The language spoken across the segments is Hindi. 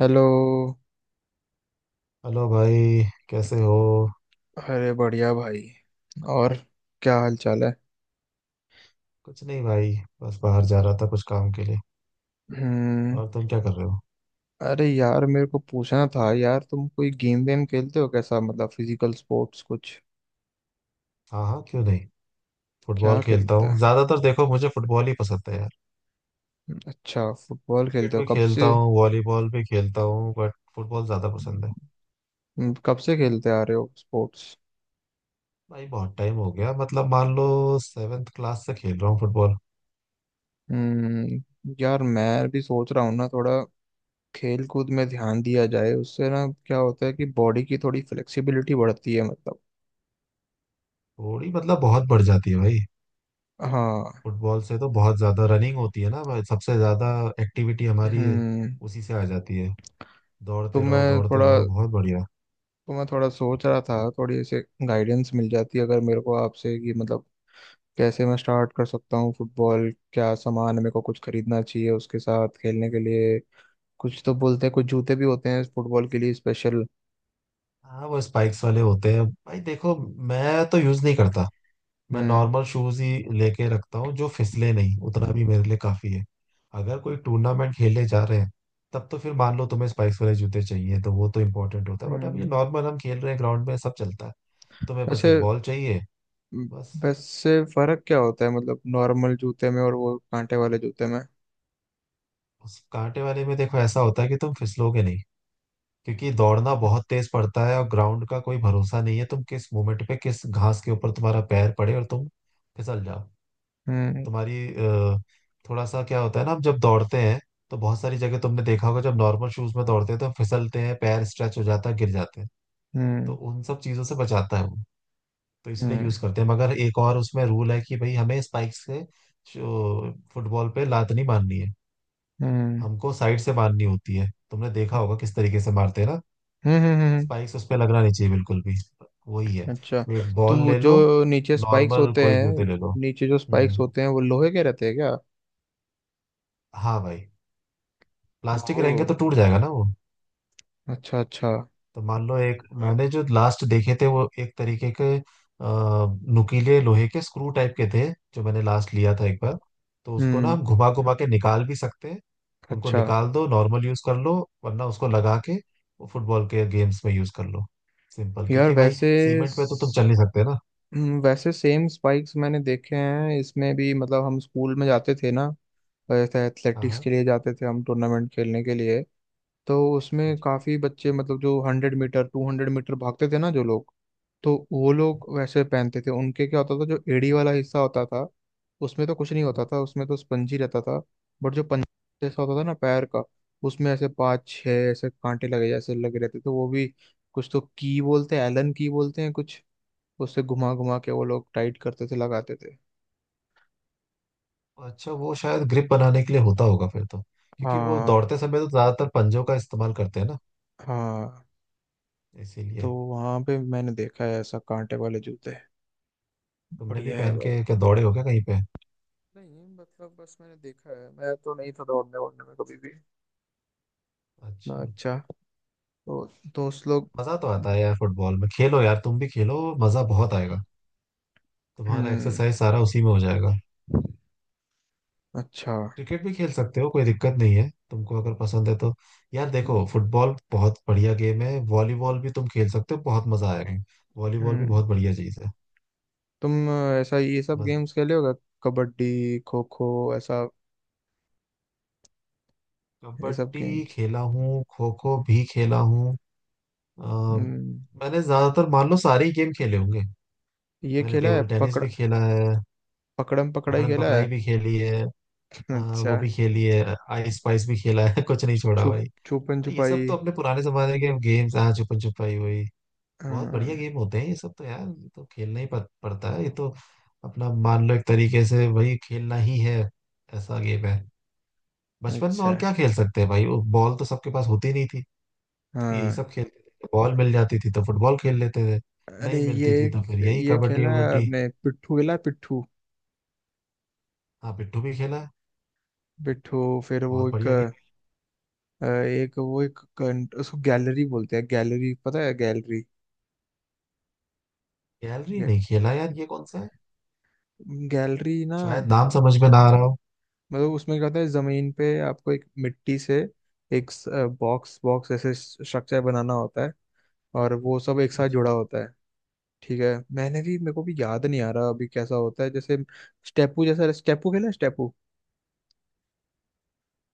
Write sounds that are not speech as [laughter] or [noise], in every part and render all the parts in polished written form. हेलो। हेलो भाई। कैसे हो? अरे बढ़िया भाई। और क्या हाल चाल है। कुछ नहीं भाई, बस बाहर जा रहा था कुछ काम के लिए। हम्म। और तुम क्या कर रहे हो? अरे यार, मेरे को पूछना था यार, तुम कोई गेम वेम खेलते हो कैसा, मतलब फिजिकल स्पोर्ट्स कुछ। हाँ हाँ क्यों नहीं। फुटबॉल क्या खेलता खेलते हूँ हो। ज्यादातर। देखो मुझे फुटबॉल ही पसंद है यार। अच्छा, फुटबॉल क्रिकेट खेलते हो भी कब खेलता से। हूँ, वॉलीबॉल भी खेलता हूँ बट फुटबॉल ज्यादा पसंद है। कब से खेलते आ रहे हो स्पोर्ट्स। भाई बहुत टाइम हो गया, मतलब मान लो सेवेंथ क्लास से खेल रहा हूँ फुटबॉल। यार मैं भी सोच रहा हूँ ना, थोड़ा खेल कूद में ध्यान दिया जाए। उससे ना क्या होता है कि बॉडी की थोड़ी फ्लेक्सिबिलिटी बढ़ती है मतलब। थोड़ी मतलब बहुत बढ़ जाती है भाई। हाँ। फुटबॉल से तो बहुत ज्यादा रनिंग होती है ना भाई, सबसे ज्यादा एक्टिविटी हमारी हम्म। उसी से आ जाती है। तो दौड़ते रहो मैं दौड़ते थोड़ा रहो, बहुत बढ़िया। तो मैं थोड़ा सोच रहा था, थोड़ी ऐसे गाइडेंस मिल जाती अगर मेरे को आपसे कि मतलब कैसे मैं स्टार्ट कर सकता हूँ फुटबॉल। क्या सामान मेरे को कुछ खरीदना चाहिए उसके साथ खेलने के लिए। कुछ तो बोलते हैं कुछ जूते भी होते हैं फुटबॉल के लिए स्पेशल। हाँ वो स्पाइक्स वाले होते हैं भाई। देखो मैं तो यूज नहीं करता, मैं हम्म। नॉर्मल शूज ही लेके रखता हूँ। जो फिसले नहीं उतना भी मेरे लिए काफी है। अगर कोई टूर्नामेंट खेलने जा रहे हैं तब तो फिर मान लो तुम्हें स्पाइक्स वाले जूते चाहिए, तो वो तो इंपॉर्टेंट होता है। बट अब ये हम्म। नॉर्मल हम खेल रहे हैं ग्राउंड में, सब चलता है। तुम्हें बस वैसे एक बॉल चाहिए बस। वैसे फर्क क्या होता है मतलब नॉर्मल जूते में और वो कांटे वाले जूते में। उस कांटे वाले में देखो ऐसा होता है कि तुम फिसलोगे नहीं, क्योंकि दौड़ना हम्म। बहुत तेज पड़ता है और ग्राउंड का कोई भरोसा नहीं है। तुम किस मोमेंट पे किस घास के ऊपर तुम्हारा पैर पड़े और तुम फिसल जाओ। हम्म। तुम्हारी थोड़ा सा क्या होता है ना, हम जब दौड़ते हैं तो बहुत सारी जगह तुमने देखा होगा, जब नॉर्मल शूज में दौड़ते हैं तो फिसलते हैं, पैर स्ट्रेच हो जाता है, गिर जाते हैं। तो हम्म। उन सब चीजों से बचाता है वो। तो इसलिए हम्म। यूज करते हैं, मगर एक और उसमें रूल है कि भाई हमें स्पाइक्स से जो फुटबॉल पे लात नहीं मारनी है, हम्म। हमको साइड से मारनी होती है। तुमने देखा होगा किस तरीके से मारते हैं ना। हम्म। हम्म। हम्म। स्पाइक्स उस पर लगना नहीं चाहिए बिल्कुल भी, वही है। अच्छा। एक बॉल तो ले लो, जो नीचे स्पाइक्स नॉर्मल होते कोई हैं जूते ले लो। नीचे जो स्पाइक्स हम्म। होते हैं वो लोहे के रहते हैं क्या। हाँ भाई, प्लास्टिक ओह। रहेंगे तो टूट जाएगा ना वो। अच्छा अच्छा। तो मान लो, एक मैंने जो लास्ट देखे थे वो एक तरीके के नुकीले लोहे के स्क्रू टाइप के थे, जो मैंने लास्ट लिया था एक बार। तो उसको ना हम्म। हम घुमा घुमा के निकाल भी सकते हैं। उनको अच्छा। निकाल दो नॉर्मल यूज कर लो, वरना उसको लगा के वो फुटबॉल के गेम्स में यूज कर लो। सिंपल, यार क्योंकि भाई वैसे सीमेंट पे तो तुम चल स- नहीं सकते ना। वैसे सेम स्पाइक्स मैंने देखे हैं इसमें भी, मतलब हम स्कूल में जाते थे ना, हाँ एथलेटिक्स हाँ। के लिए जाते थे हम, टूर्नामेंट खेलने के लिए। तो उसमें अच्छा काफी बच्चे, मतलब जो 100 मीटर टू 100 मीटर भागते थे ना, जो लोग, तो वो लोग वैसे पहनते थे। उनके क्या होता था, जो एड़ी वाला हिस्सा होता था उसमें तो कुछ नहीं होता था, उसमें तो स्पंजी रहता था। बट जो पंजा जैसा होता था ना पैर का, उसमें ऐसे पाँच छह ऐसे कांटे लगे जैसे लगे रहते थे। तो वो भी कुछ तो की बोलते हैं, एलन की बोलते हैं कुछ, उससे घुमा घुमा के वो लोग टाइट करते थे, लगाते थे। अच्छा। वो शायद ग्रिप बनाने के लिए होता होगा फिर तो, क्योंकि वो हाँ दौड़ते समय तो ज्यादातर पंजों का इस्तेमाल करते हैं ना, हाँ। इसीलिए। तो वहां पे मैंने देखा है ऐसा कांटे वाले जूते। तुमने भी बढ़िया है पहन भाई। के क्या दौड़े हो क्या कहीं पे? नहीं, मतलब बस मैंने देखा है, मैं तो नहीं था दौड़ने वौड़ने में कभी भी। ना, अच्छा। अच्छा। तो दोस्त लोग। मजा तो आता है यार फुटबॉल में, खेलो यार तुम भी खेलो, मजा बहुत आएगा, तुम्हारा हम्म। एक्सरसाइज सारा उसी में हो जाएगा। अच्छा। क्रिकेट भी खेल सकते हो, कोई दिक्कत नहीं है तुमको अगर पसंद है तो। यार हम्म। देखो फुटबॉल बहुत बढ़िया गेम है, वॉलीबॉल भी तुम खेल सकते हो, बहुत मजा आएगा। वॉलीबॉल भी हम्म। बहुत बढ़िया चीज है। तुम ऐसा ये सब मजा। गेम्स खेले होगा, कबड्डी, खो खो, ऐसा ये सब कबड्डी गेम्स। खेला हूँ, खो खो भी खेला हूँ। अ, हम्म। मैंने ज्यादातर मान लो सारे ही गेम खेले होंगे। ये मैंने खेला है टेबल टेनिस पकड़ भी खेला है। पकड़म पकड़ाई पकड़न खेला पकड़ाई है। भी खेली है। अच्छा। वो भी खेली है, आइस स्पाइस भी खेला है [laughs] कुछ नहीं छोड़ा छुप भाई। छुपन भाई ये छुपाई। सब तो अपने पुराने जमाने के गेम्स, हाँ छुपन छुपाई हुई, बहुत बढ़िया हाँ। गेम होते हैं ये सब तो यार। ये तो खेलना ही पड़ता है। ये तो अपना मान लो एक तरीके से वही खेलना ही है, ऐसा गेम है। बचपन में अच्छा। और क्या खेल सकते हैं भाई, वो बॉल तो सबके पास होती नहीं थी, तो यही हाँ। सब खेलते थे। बॉल मिल जाती थी तो फुटबॉल खेल लेते थे, अरे नहीं ये मिलती थी तो फिर यही ये कबड्डी खेला है वबड्डी। आपने, पिट्ठू खेला है, पिट्ठू। हाँ पिट्ठू भी खेला, पिट्ठू फिर वो बहुत एक बढ़िया गेम। एक वो एक उसको गैलरी बोलते हैं, गैलरी पता है, गैलरी। गैलरी नहीं खेला यार, ये कौन सा, गैलरी ना, शायद नाम समझ में ना आ रहा हो। मतलब उसमें क्या होता है, जमीन पे आपको एक मिट्टी से एक बॉक्स बॉक्स ऐसे स्ट्रक्चर बनाना होता है, और वो सब एक साथ अच्छा। जुड़ा होता है। ठीक है, मैंने भी, मेरे को भी याद नहीं आ रहा अभी कैसा होता है जैसे स्टेपू जैसा। स्टेपू खेला है? स्टेपू?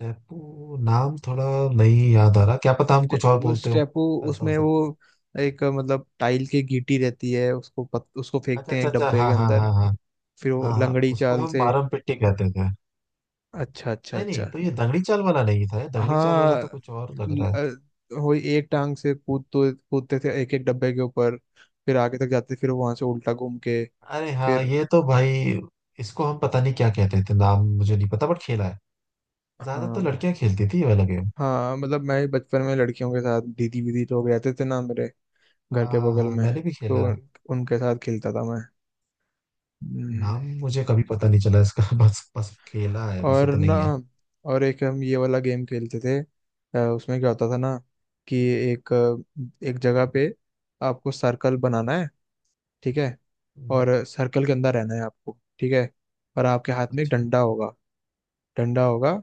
टैपू नाम थोड़ा नहीं याद आ रहा, क्या पता हम कुछ और वो बोलते हो, स्टेपू ऐसा हो उसमें वो सकता। एक मतलब टाइल की गीटी रहती है, उसको उसको अच्छा फेंकते हैं अच्छा एक अच्छा डब्बे हाँ के हाँ अंदर, हाँ हाँ। फिर वो हाँ हाँ, लंगड़ी उसको चाल हम से। मारम पिट्टी कहते थे। अच्छा अच्छा नहीं अच्छा। नहीं, तो ये दंगड़ी चाल वाला नहीं था, ये दंगड़ी चाल वाला हाँ। तो कुछ और लग रहा है। वही एक टांग से कूद तो कूदते थे एक एक डब्बे के ऊपर, फिर आगे तक जाते, फिर वहां से उल्टा घूम के अरे हाँ फिर। ये तो भाई, इसको हम पता नहीं क्या कहते थे, नाम मुझे नहीं पता बट खेला है। ज्यादा तो हाँ लड़कियां खेलती थी ये वाला गेम। हाँ, मतलब मैं बचपन में लड़कियों के साथ, दीदी वीदी लोग रहते थे ना मेरे घर हाँ के हाँ बगल हाँ में, मैंने भी तो खेला है। उनके साथ खेलता था मैं। हम्म, नाम मुझे कभी पता नहीं चला इसका [laughs] बस बस खेला है, बस और इतना ना, ही है। और एक हम ये वाला गेम खेलते थे। उसमें क्या होता था ना कि एक एक जगह पे आपको सर्कल बनाना है, ठीक है, हम्म। और सर्कल के अंदर रहना है आपको, ठीक है, और आपके हाथ में एक अच्छा। डंडा होगा, डंडा होगा,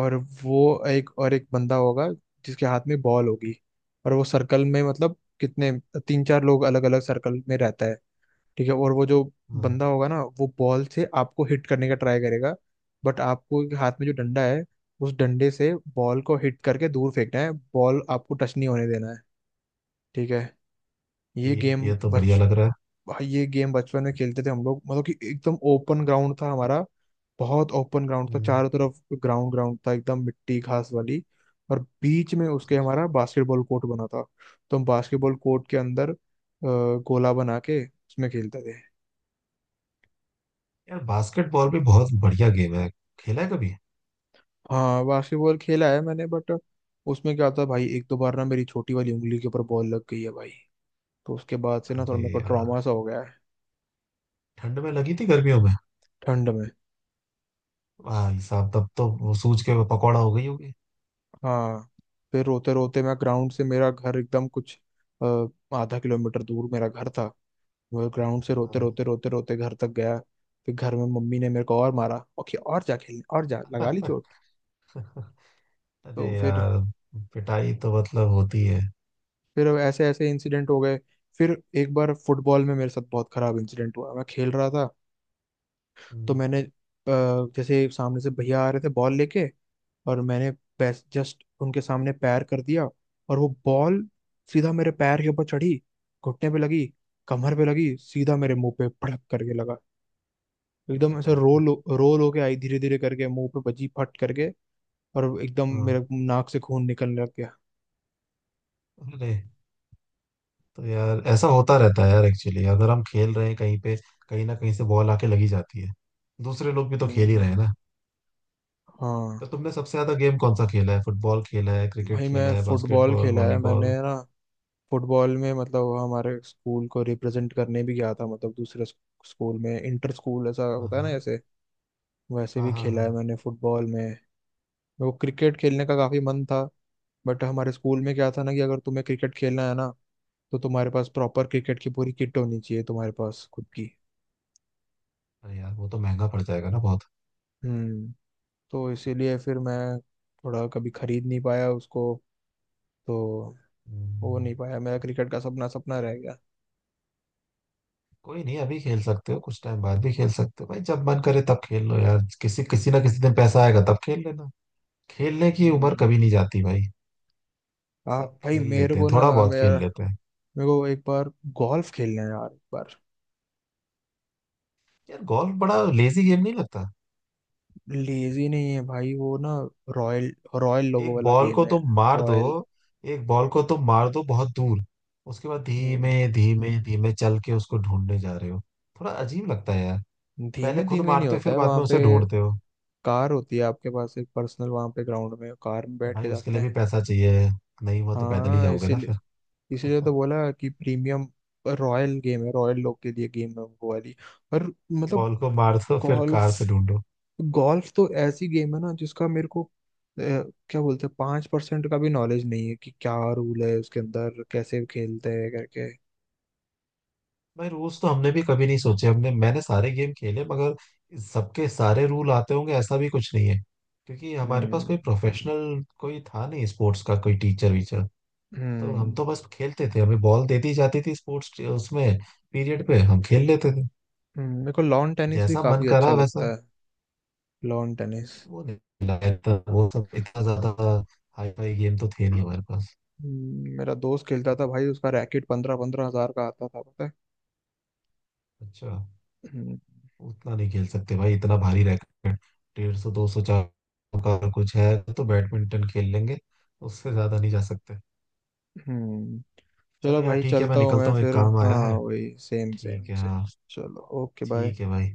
और वो एक, और एक बंदा होगा जिसके हाथ में बॉल होगी, और वो सर्कल में, मतलब कितने, तीन चार लोग अलग अलग सर्कल में रहता है, ठीक है, और वो जो हाँ बंदा होगा ना वो बॉल से आपको हिट करने का ट्राई करेगा, बट आपको हाथ में जो डंडा है, उस डंडे से बॉल को हिट करके दूर फेंकना है, बॉल आपको टच नहीं होने देना है, ठीक है। ये गेम ये तो बढ़िया बच लग रहा है। भाई ये गेम बचपन में खेलते थे हम लोग, मतलब कि एकदम ओपन ग्राउंड था हमारा, बहुत ओपन ग्राउंड था हम्म। चारों तरफ, ग्राउंड ग्राउंड था एकदम मिट्टी घास वाली, और बीच में उसके हमारा बास्केटबॉल कोर्ट बना था। तो हम बास्केटबॉल कोर्ट के अंदर गोला बना के उसमें खेलते थे। यार बास्केटबॉल भी बहुत बढ़िया गेम है, खेला है कभी? हाँ, बास्केटबॉल खेला है मैंने, बट उसमें क्या था भाई, एक दो बार ना मेरी छोटी वाली उंगली के ऊपर बॉल लग गई है भाई, तो उसके बाद से ना थोड़ा अरे मेरे को यार, ट्रॉमा सा हो गया है। ठंड में लगी थी गर्मियों में? ठंड में। भाई साहब तब तो वो सूज के पकौड़ा हो गई होगी। हाँ। फिर रोते रोते मैं ग्राउंड से, मेरा घर एकदम कुछ अ, आधा किलोमीटर दूर मेरा घर था, मैं ग्राउंड से रोते हाँ। रोते रोते रोते घर तक गया। फिर घर में मम्मी ने मेरे को और मारा, ओके, और जा खेलने, और जा लगा ली चोट। [laughs] तो अरे फिर, यार, पिटाई तो मतलब होती है। ऐसे ऐसे इंसिडेंट हो गए। फिर एक बार फुटबॉल में मेरे साथ बहुत खराब इंसिडेंट हुआ, मैं खेल रहा था, हम्म। तो मैंने जैसे सामने से भैया आ रहे थे बॉल लेके, और मैंने जस्ट उनके सामने पैर कर दिया, और वो बॉल सीधा मेरे पैर के ऊपर चढ़ी, घुटने पे लगी, कमर पे लगी, सीधा मेरे मुंह पे भड़क करके लगा, एकदम अरे ऐसे बाप रे। रोल रोल होके आई, धीरे धीरे करके मुंह पे बजी फट करके, और एकदम हाँ। मेरे नाक से खून निकलने लग गया। अरे। तो यार ऐसा होता रहता है यार एक्चुअली, अगर हम खेल रहे हैं कहीं पे कहीं ना कहीं से बॉल आके लगी जाती है, दूसरे लोग भी तो खेल ही हम्म, रहे हैं ना। हाँ। तो तुमने सबसे ज्यादा गेम कौन सा खेला है? फुटबॉल खेला है, क्रिकेट भाई खेला मैं है, फुटबॉल बास्केटबॉल, खेला है मैंने वॉलीबॉल? ना, फुटबॉल में मतलब हमारे स्कूल को रिप्रेजेंट करने भी गया था, मतलब दूसरे स्कूल में, इंटर स्कूल ऐसा हाँ होता है ना, हाँ ऐसे वैसे हाँ भी हाँ खेला हाँ। है मैंने फुटबॉल में। वो क्रिकेट खेलने का काफी मन था, बट हमारे स्कूल में क्या था ना कि अगर तुम्हें क्रिकेट खेलना है ना, तो तुम्हारे पास प्रॉपर क्रिकेट की पूरी किट होनी चाहिए, तुम्हारे पास खुद की। अरे यार वो तो महंगा पड़ जाएगा ना बहुत। हम्म। तो इसीलिए फिर मैं थोड़ा कभी खरीद नहीं पाया उसको, तो हो हम्म। नहीं पाया, मेरा क्रिकेट का सपना सपना रह गया। कोई नहीं, अभी खेल सकते हो, कुछ टाइम बाद भी खेल सकते हो भाई, जब मन करे तब खेल लो यार, किसी किसी ना किसी दिन पैसा आएगा तब खेल लेना। खेलने की उम्र हम्म। कभी नहीं जाती भाई, आ सब भाई, खेल मेरे लेते को हैं, ना, थोड़ा बहुत मेरा खेल लेते हैं। मेरे को एक बार गोल्फ खेलना है यार, एक बार। यार गोल्फ बड़ा लेजी गेम नहीं लगता? लेजी नहीं है भाई वो ना, रॉयल रॉयल लोगो एक वाला बॉल गेम को है, तुम मार दो। रॉयल। एक बॉल को तुम मार दो बहुत दूर, उसके बाद हम्म, धीमे धीमे धीमे चल के उसको ढूंढने जा रहे हो। थोड़ा अजीब लगता है यार। पहले धीमे खुद धीमे नहीं मारते हो होता फिर है बाद वहां में पे, उसे ढूंढते हो। कार होती है आपके पास एक पर्सनल, वहां पे ग्राउंड में कार में अब बैठ भाई के उसके जाते लिए भी हैं। पैसा चाहिए, नहीं हुआ तो पैदल ही हाँ, जाओगे ना इसीलिए, फिर। तो [laughs] बोला कि प्रीमियम रॉयल गेम है, रॉयल लोग के लिए गेम है वो वाली, और मतलब बॉल को मार दो फिर गोल्फ कार से ढूंढो। गोल्फ तो ऐसी गेम है ना जिसका मेरे को क्या बोलते हैं, 5% का भी नॉलेज नहीं है कि क्या रूल है उसके अंदर, कैसे खेलते हैं करके। भाई रूल्स तो हमने भी कभी नहीं सोचे, हमने मैंने सारे गेम खेले मगर सबके सारे रूल आते होंगे ऐसा भी कुछ नहीं है, क्योंकि हमारे पास कोई हम्म। प्रोफेशनल कोई था नहीं, स्पोर्ट्स का कोई टीचर वीचर। तो हम हम्म। तो बस खेलते थे, हमें बॉल दे दी जाती थी, स्पोर्ट्स उसमें पीरियड पे हम खेल लेते थे, मेरे को लॉन टेनिस भी जैसा मन काफी अच्छा करा वैसा। लगता है, लॉन टेनिस। वो नहीं लाया था वो सब, इतना ज्यादा हाई फाई गेम तो थे नहीं हमारे पास। मेरा दोस्त खेलता था भाई, उसका रैकेट 15-15 हजार का आता था, पता है। अच्छा। हम्म। उतना नहीं खेल सकते भाई इतना भारी रैकेट। 150 200 400 का कुछ है तो बैडमिंटन खेल लेंगे, उससे ज्यादा नहीं जा सकते। हम्म। चलो चलो यार भाई, ठीक है, मैं चलता हूँ निकलता मैं हूँ, एक फिर, काम आया हाँ है। वही, सेम ठीक सेम है सेम। हाँ। चलो ओके बाय। ठीक है भाई।